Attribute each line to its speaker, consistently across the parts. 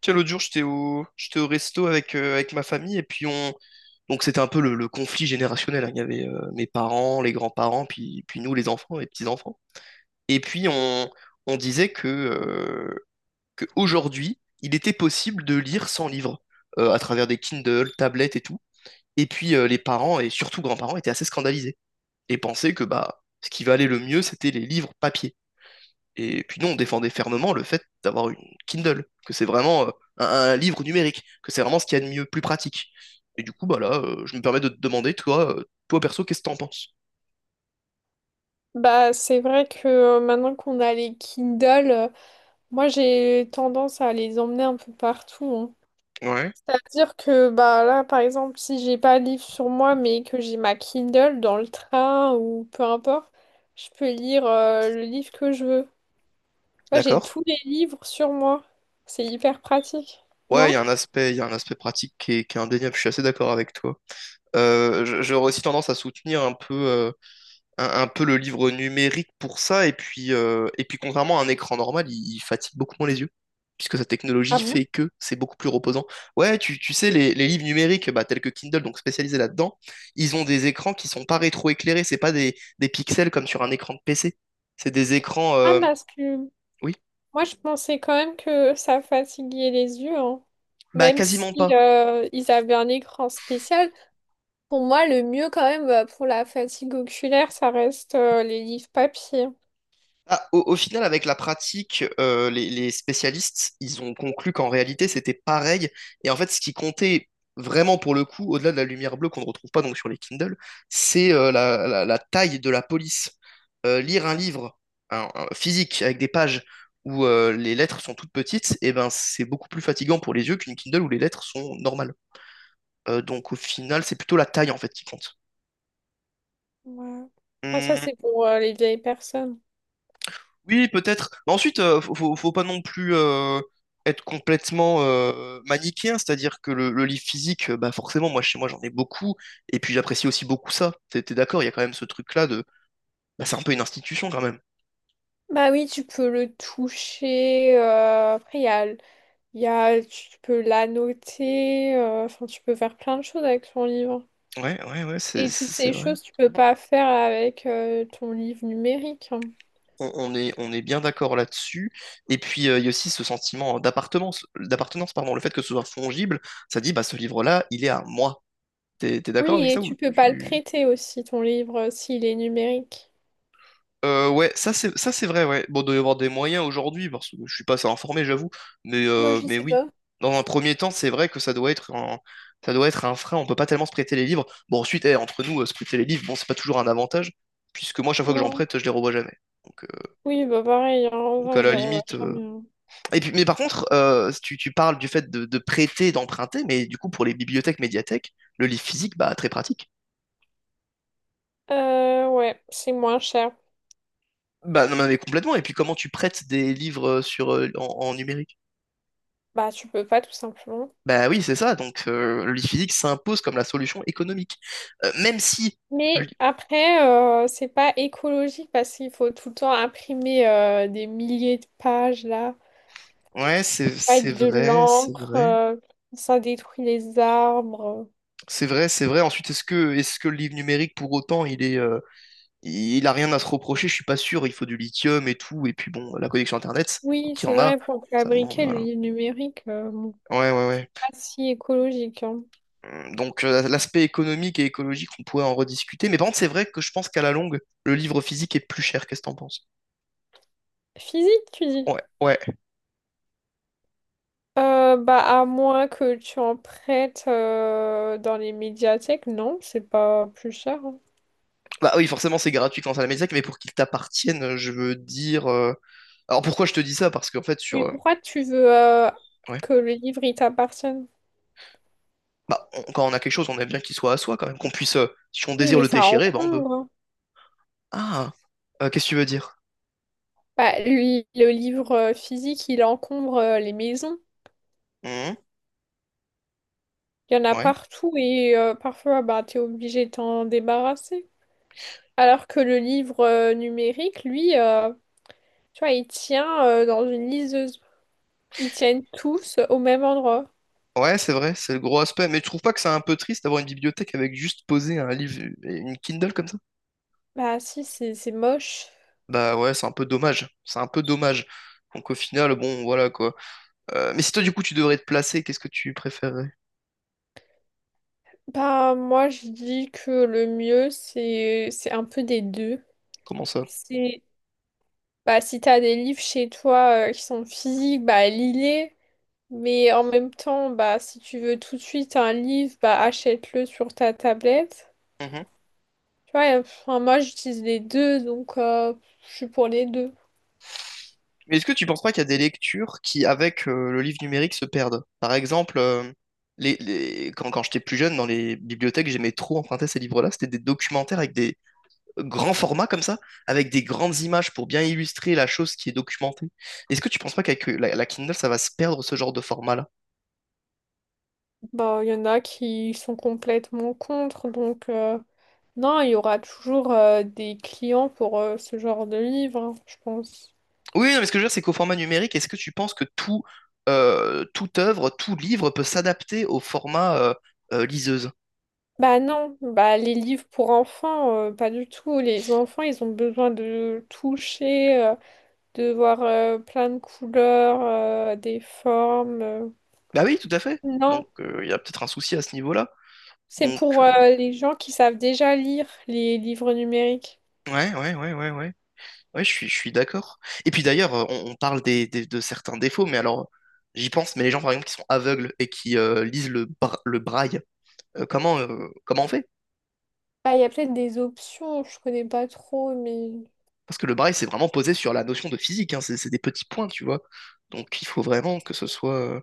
Speaker 1: Tu sais, l'autre jour, j'étais au resto avec, avec ma famille et puis on. Donc c'était un peu le conflit générationnel, hein. Il y avait mes parents, les grands-parents, puis nous, les enfants, les petits-enfants. Et puis on, on disait que aujourd'hui, il était possible de lire sans livre à travers des Kindle, tablettes et tout. Et puis les parents et surtout grands-parents étaient assez scandalisés et pensaient que bah ce qui valait le mieux, c'était les livres papier. Et puis nous, on défendait fermement le fait d'avoir une Kindle, que c'est vraiment un livre numérique, que c'est vraiment ce qu'il y a de mieux, plus pratique. Et du coup, bah là, je me permets de te demander, toi, toi perso, qu'est-ce que t'en penses?
Speaker 2: Bah, c'est vrai que maintenant qu'on a les Kindle, moi j'ai tendance à les emmener un peu partout, hein.
Speaker 1: Ouais.
Speaker 2: C'est-à-dire que bah là, par exemple, si j'ai pas de livre sur moi, mais que j'ai ma Kindle dans le train ou peu importe, je peux lire le livre que je veux. Moi, j'ai
Speaker 1: D'accord?
Speaker 2: tous les livres sur moi. C'est hyper pratique,
Speaker 1: Ouais, il y
Speaker 2: non?
Speaker 1: a un aspect, il y a un aspect pratique qui est indéniable, je suis assez d'accord avec toi. J'aurais aussi tendance à soutenir un peu un peu le livre numérique pour ça. Et puis contrairement à un écran normal, il fatigue beaucoup moins les yeux, puisque sa
Speaker 2: Ah
Speaker 1: technologie fait
Speaker 2: bon?
Speaker 1: que c'est beaucoup plus reposant. Ouais, tu sais, les livres numériques, bah, tels que Kindle, donc spécialisés là-dedans, ils ont des écrans qui sont pas rétroéclairés, c'est pas des pixels comme sur un écran de PC. C'est des écrans...
Speaker 2: Ah,
Speaker 1: euh,
Speaker 2: parce que
Speaker 1: Oui,
Speaker 2: moi, je pensais quand même que ça fatiguait les yeux, hein.
Speaker 1: bah
Speaker 2: Même si
Speaker 1: quasiment pas.
Speaker 2: ils avaient un écran spécial. Pour moi, le mieux quand même bah, pour la fatigue oculaire, ça reste les livres papier.
Speaker 1: Ah, au final, avec la pratique, les spécialistes, ils ont conclu qu'en réalité, c'était pareil. Et en fait, ce qui comptait vraiment pour le coup, au-delà de la lumière bleue qu'on ne retrouve pas donc sur les Kindle, c'est la taille de la police. Lire un livre un physique avec des pages où les lettres sont toutes petites, et ben, c'est beaucoup plus fatigant pour les yeux qu'une Kindle où les lettres sont normales. Donc au final, c'est plutôt la taille en fait qui compte.
Speaker 2: Ouais. Ah, ça, c'est pour les vieilles personnes.
Speaker 1: Oui, peut-être. Mais ensuite, faut pas non plus être complètement manichéen, c'est-à-dire que le livre physique, bah forcément, moi chez moi j'en ai beaucoup, et puis j'apprécie aussi beaucoup ça. T'es d'accord, il y a quand même ce truc-là de, bah, c'est un peu une institution quand même.
Speaker 2: Bah oui, tu peux le toucher. Après, il y a, il y a, tu peux l'annoter. Enfin, tu peux faire plein de choses avec ton livre.
Speaker 1: Ouais, ouais, ouais, c'est,
Speaker 2: Et toutes
Speaker 1: c'est
Speaker 2: ces
Speaker 1: vrai.
Speaker 2: choses, tu peux pas faire avec ton livre numérique, hein.
Speaker 1: On est bien d'accord là-dessus. Et puis il y a aussi ce sentiment d'appartenance, pardon, le fait que ce soit fongible, ça dit, bah ce livre-là, il est à moi. T'es d'accord
Speaker 2: Oui,
Speaker 1: avec
Speaker 2: et
Speaker 1: ça ou
Speaker 2: tu peux pas le
Speaker 1: tu
Speaker 2: prêter aussi, ton livre, s'il est numérique.
Speaker 1: Ouais, ça c'est vrai, ouais. Bon, il doit y avoir des moyens aujourd'hui, parce que je suis pas assez informé, j'avoue,
Speaker 2: Moi, je
Speaker 1: mais
Speaker 2: sais
Speaker 1: oui.
Speaker 2: pas.
Speaker 1: Dans un premier temps, c'est vrai que ça doit être ça doit être un frein, on peut pas tellement se prêter les livres. Bon, ensuite, eh, entre nous, se prêter les livres, bon, c'est pas toujours un avantage, puisque moi, chaque fois que j'en
Speaker 2: Non.
Speaker 1: prête, je les revois jamais. Donc, euh,
Speaker 2: Oui, bah pareil, hein.
Speaker 1: donc,
Speaker 2: Enfin,
Speaker 1: à
Speaker 2: je
Speaker 1: la
Speaker 2: les revois
Speaker 1: limite.
Speaker 2: jamais, hein.
Speaker 1: Et puis, mais par contre, tu parles du fait de prêter, d'emprunter, mais du coup, pour les bibliothèques, médiathèques, le livre physique, bah, très pratique.
Speaker 2: Ouais, c'est moins cher.
Speaker 1: Bah, non, mais complètement. Et puis, comment tu prêtes des livres en en numérique?
Speaker 2: Bah, tu peux pas tout simplement.
Speaker 1: Bah oui, c'est ça. Donc le lit physique s'impose comme la solution économique. Même si le
Speaker 2: Mais
Speaker 1: lit-
Speaker 2: après, c'est pas écologique parce qu'il faut tout le temps imprimer des milliers de pages là,
Speaker 1: Ouais, c'est
Speaker 2: avec de
Speaker 1: vrai, c'est
Speaker 2: l'encre,
Speaker 1: vrai.
Speaker 2: ça détruit les arbres.
Speaker 1: C'est vrai, c'est vrai. Ensuite, est-ce que le livre numérique pour autant, il a rien à se reprocher, je suis pas sûr, il faut du lithium et tout et puis bon, la connexion internet
Speaker 2: Oui,
Speaker 1: qui
Speaker 2: c'est
Speaker 1: en a,
Speaker 2: vrai, pour
Speaker 1: ça demande
Speaker 2: fabriquer le
Speaker 1: voilà.
Speaker 2: livre numérique, bon,
Speaker 1: Ouais, ouais,
Speaker 2: c'est
Speaker 1: ouais.
Speaker 2: pas si écologique, hein.
Speaker 1: Donc l'aspect économique et écologique, on pourrait en rediscuter, mais par contre, c'est vrai que je pense qu'à la longue, le livre physique est plus cher. Qu'est-ce que t'en penses?
Speaker 2: Physique, tu dis?
Speaker 1: Ouais, ouais.
Speaker 2: Bah, à moins que tu en prêtes dans les médiathèques, non, c'est pas plus cher, hein.
Speaker 1: Bah oui, forcément, c'est gratuit quand à la médiathèque, mais pour qu'il t'appartienne, je veux dire. Alors pourquoi je te dis ça? Parce qu'en fait, sur.
Speaker 2: Mais pourquoi tu veux
Speaker 1: Ouais.
Speaker 2: que le livre il t'appartienne?
Speaker 1: Bah, quand on a quelque chose, on aime bien qu'il soit à soi quand même, qu'on puisse. Si on
Speaker 2: Oui,
Speaker 1: désire
Speaker 2: mais
Speaker 1: le
Speaker 2: ça
Speaker 1: déchirer, bah on peut.
Speaker 2: encombre, hein.
Speaker 1: Ah, qu'est-ce que tu veux dire?
Speaker 2: Bah, lui, le livre physique, il encombre les maisons.
Speaker 1: Mhm.
Speaker 2: Il y en a
Speaker 1: Ouais.
Speaker 2: partout et parfois, bah, t'es obligé de t'en débarrasser. Alors que le livre numérique, lui, tu vois, il tient dans une liseuse. Ils tiennent tous au même endroit.
Speaker 1: Ouais, c'est vrai, c'est le gros aspect. Mais tu trouves pas que c'est un peu triste d'avoir une bibliothèque avec juste poser un livre et une Kindle comme ça?
Speaker 2: Bah, si, c'est moche.
Speaker 1: Bah ouais, c'est un peu dommage. C'est un peu dommage. Donc au final, bon, voilà quoi. Mais si toi, du coup, tu devrais te placer, qu'est-ce que tu préférerais?
Speaker 2: Bah, moi, je dis que le mieux, c'est un peu des deux.
Speaker 1: Comment ça?
Speaker 2: C'est Bah, si t'as des livres chez toi qui sont physiques, bah lis-les. Mais en même temps, bah si tu veux tout de suite un livre, bah achète-le sur ta tablette. Tu vois, et, enfin, moi j'utilise les deux, donc je suis pour les deux.
Speaker 1: Mais est-ce que tu penses pas qu'il y a des lectures qui, avec le livre numérique, se perdent? Par exemple, quand j'étais plus jeune, dans les bibliothèques, j'aimais trop emprunter ces livres-là. C'était des documentaires avec des grands formats comme ça, avec des grandes images pour bien illustrer la chose qui est documentée. Est-ce que tu penses pas qu'avec la, la Kindle, ça va se perdre ce genre de format-là?
Speaker 2: Bah il y en a qui sont complètement contre, donc non, il y aura toujours des clients pour ce genre de livre, hein, je pense.
Speaker 1: Oui, non, mais ce que je veux dire, c'est qu'au format numérique, est-ce que tu penses que tout, toute œuvre, tout livre peut s'adapter au format liseuse?
Speaker 2: Bah non, bah les livres pour enfants, pas du tout. Les enfants, ils ont besoin de toucher, de voir plein de couleurs, des formes.
Speaker 1: Bah oui, tout à fait. Donc,
Speaker 2: Non,
Speaker 1: il y a peut-être un souci à ce niveau-là.
Speaker 2: c'est
Speaker 1: Donc,
Speaker 2: pour
Speaker 1: euh,
Speaker 2: les gens qui savent déjà lire les livres numériques.
Speaker 1: Ouais, ouais, ouais, ouais, ouais. Ouais, je suis d'accord. Et puis d'ailleurs, on parle de certains défauts, mais alors, j'y pense, mais les gens, par exemple, qui sont aveugles et qui lisent le braille, comment on fait?
Speaker 2: Ah, il y a peut-être des options, je connais pas trop, mais…
Speaker 1: Parce que le braille, c'est vraiment posé sur la notion de physique, hein, c'est des petits points, tu vois. Donc, il faut vraiment que ce soit...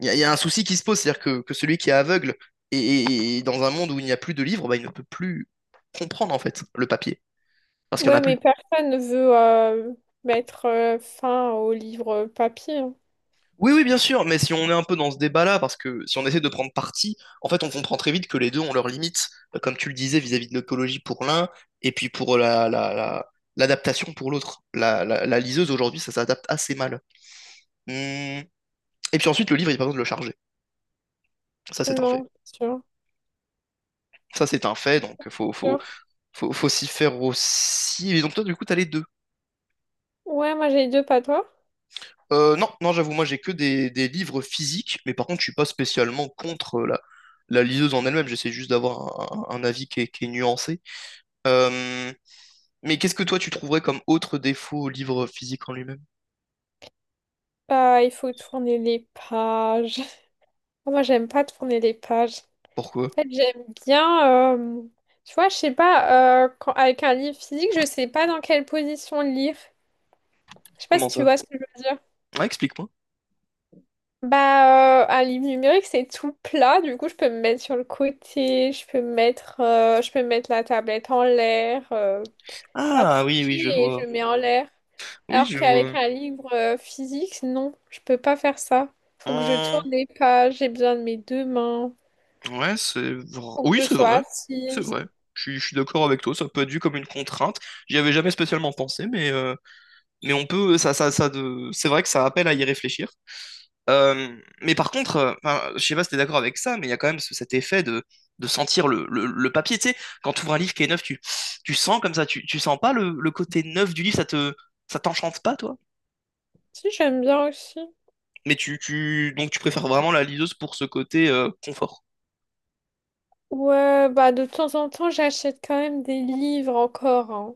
Speaker 1: Il y a un souci qui se pose, c'est-à-dire que celui qui est aveugle et, et dans un monde où il n'y a plus de livres, bah, il ne peut plus comprendre, en fait, le papier, parce qu'il n'y en
Speaker 2: Ouais,
Speaker 1: a plus.
Speaker 2: mais personne ne veut mettre fin aux livres papier, hein.
Speaker 1: Oui, oui, bien sûr, mais si on est un peu dans ce débat-là, parce que si on essaie de prendre parti, en fait, on comprend très vite que les deux ont leurs limites, comme tu le disais, vis-à-vis de l'écologie pour l'un, et puis pour l'adaptation pour l'autre. La liseuse, aujourd'hui, ça s'adapte assez mal. Hum. Et puis ensuite, le livre, il n'y a pas besoin de le charger. Ça, c'est un fait.
Speaker 2: Non, c'est sûr,
Speaker 1: Ça, c'est un fait, donc
Speaker 2: c'est sûr.
Speaker 1: faut s'y faire aussi. Et donc toi, du coup, t'as les deux.
Speaker 2: Ouais, moi j'ai les deux, pas toi.
Speaker 1: Non, j'avoue, moi j'ai que des livres physiques, mais par contre je suis pas spécialement contre la liseuse en elle-même, j'essaie juste d'avoir un avis qui est nuancé. Euh, mais qu'est-ce que toi tu trouverais comme autre défaut au livre physique en lui-même?
Speaker 2: Bah, il faut tourner les pages. Moi, j'aime pas tourner les pages.
Speaker 1: Pourquoi?
Speaker 2: En fait, j'aime bien, tu vois, je sais pas, avec un livre physique, je sais pas dans quelle position le lire. Je sais pas
Speaker 1: Comment
Speaker 2: si tu
Speaker 1: ça?
Speaker 2: vois ce que je veux dire.
Speaker 1: Ah, explique-moi.
Speaker 2: Bah, un livre numérique, c'est tout plat, du coup, je peux me mettre sur le côté, je peux me mettre, je peux mettre la tablette en l'air, enfin,
Speaker 1: Ah oui,
Speaker 2: coucher
Speaker 1: oui, je
Speaker 2: et je
Speaker 1: vois.
Speaker 2: mets en l'air.
Speaker 1: Oui,
Speaker 2: Alors
Speaker 1: je
Speaker 2: qu'avec
Speaker 1: vois.
Speaker 2: un livre physique, non, je peux pas faire ça. Faut que je
Speaker 1: Hum,
Speaker 2: tourne les pages, j'ai besoin de mes deux mains,
Speaker 1: ouais, c'est vrai.
Speaker 2: faut que
Speaker 1: Oui,
Speaker 2: je
Speaker 1: c'est
Speaker 2: sois
Speaker 1: vrai. C'est
Speaker 2: assise.
Speaker 1: vrai. Je suis d'accord avec toi, ça peut être vu comme une contrainte. J'y avais jamais spécialement pensé, mais on peut, c'est vrai que ça appelle à y réfléchir. Euh, mais par contre, enfin, je sais pas si t'es d'accord avec ça, mais il y a quand même cet effet de sentir le papier. Tu sais, quand tu ouvres un livre qui est neuf, tu sens comme ça, tu sens pas le côté neuf du livre, ça t'enchante pas, toi.
Speaker 2: Si, j'aime bien aussi.
Speaker 1: Mais donc tu préfères vraiment la liseuse pour ce côté confort.
Speaker 2: Ouais, bah de temps en temps, j'achète quand même des livres encore, hein.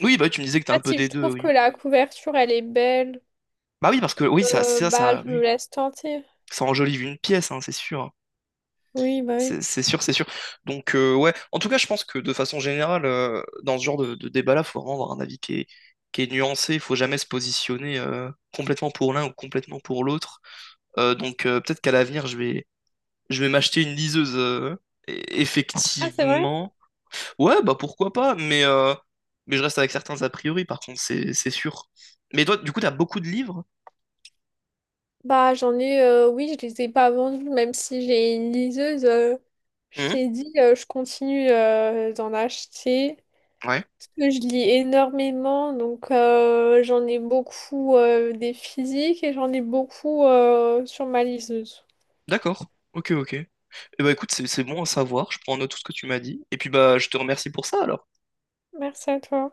Speaker 1: Oui, bah oui, tu me disais que t'as
Speaker 2: En
Speaker 1: un
Speaker 2: fait,
Speaker 1: peu
Speaker 2: si
Speaker 1: des
Speaker 2: je
Speaker 1: deux,
Speaker 2: trouve que
Speaker 1: oui.
Speaker 2: la couverture, elle est belle,
Speaker 1: Bah oui, parce que oui,
Speaker 2: bah je me
Speaker 1: oui,
Speaker 2: laisse tenter.
Speaker 1: ça enjolive une pièce, hein, c'est sûr.
Speaker 2: Oui, bah oui.
Speaker 1: C'est sûr, c'est sûr. Donc, ouais, en tout cas, je pense que de façon générale, dans ce genre de débat-là, il faut vraiment avoir un avis qui est nuancé. Il faut jamais se positionner complètement pour l'un ou complètement pour l'autre. Peut-être qu'à l'avenir, je vais m'acheter une liseuse, e-
Speaker 2: Ah, c'est vrai?
Speaker 1: effectivement. Ouais, bah pourquoi pas, mais je reste avec certains a priori, par contre, c'est sûr. Mais toi, du coup, t'as beaucoup de livres?
Speaker 2: Bah j'en ai, oui, je les ai pas vendus, même si j'ai une liseuse. Je
Speaker 1: Mhm.
Speaker 2: t'ai dit, je continue d'en acheter.
Speaker 1: Ouais.
Speaker 2: Parce que je lis énormément, donc j'en ai beaucoup des physiques et j'en ai beaucoup sur ma liseuse.
Speaker 1: D'accord. Ok, ok. Eh bah écoute, c'est bon à savoir. Je prends en note tout ce que tu m'as dit. Et puis bah, je te remercie pour ça alors.
Speaker 2: Merci à toi.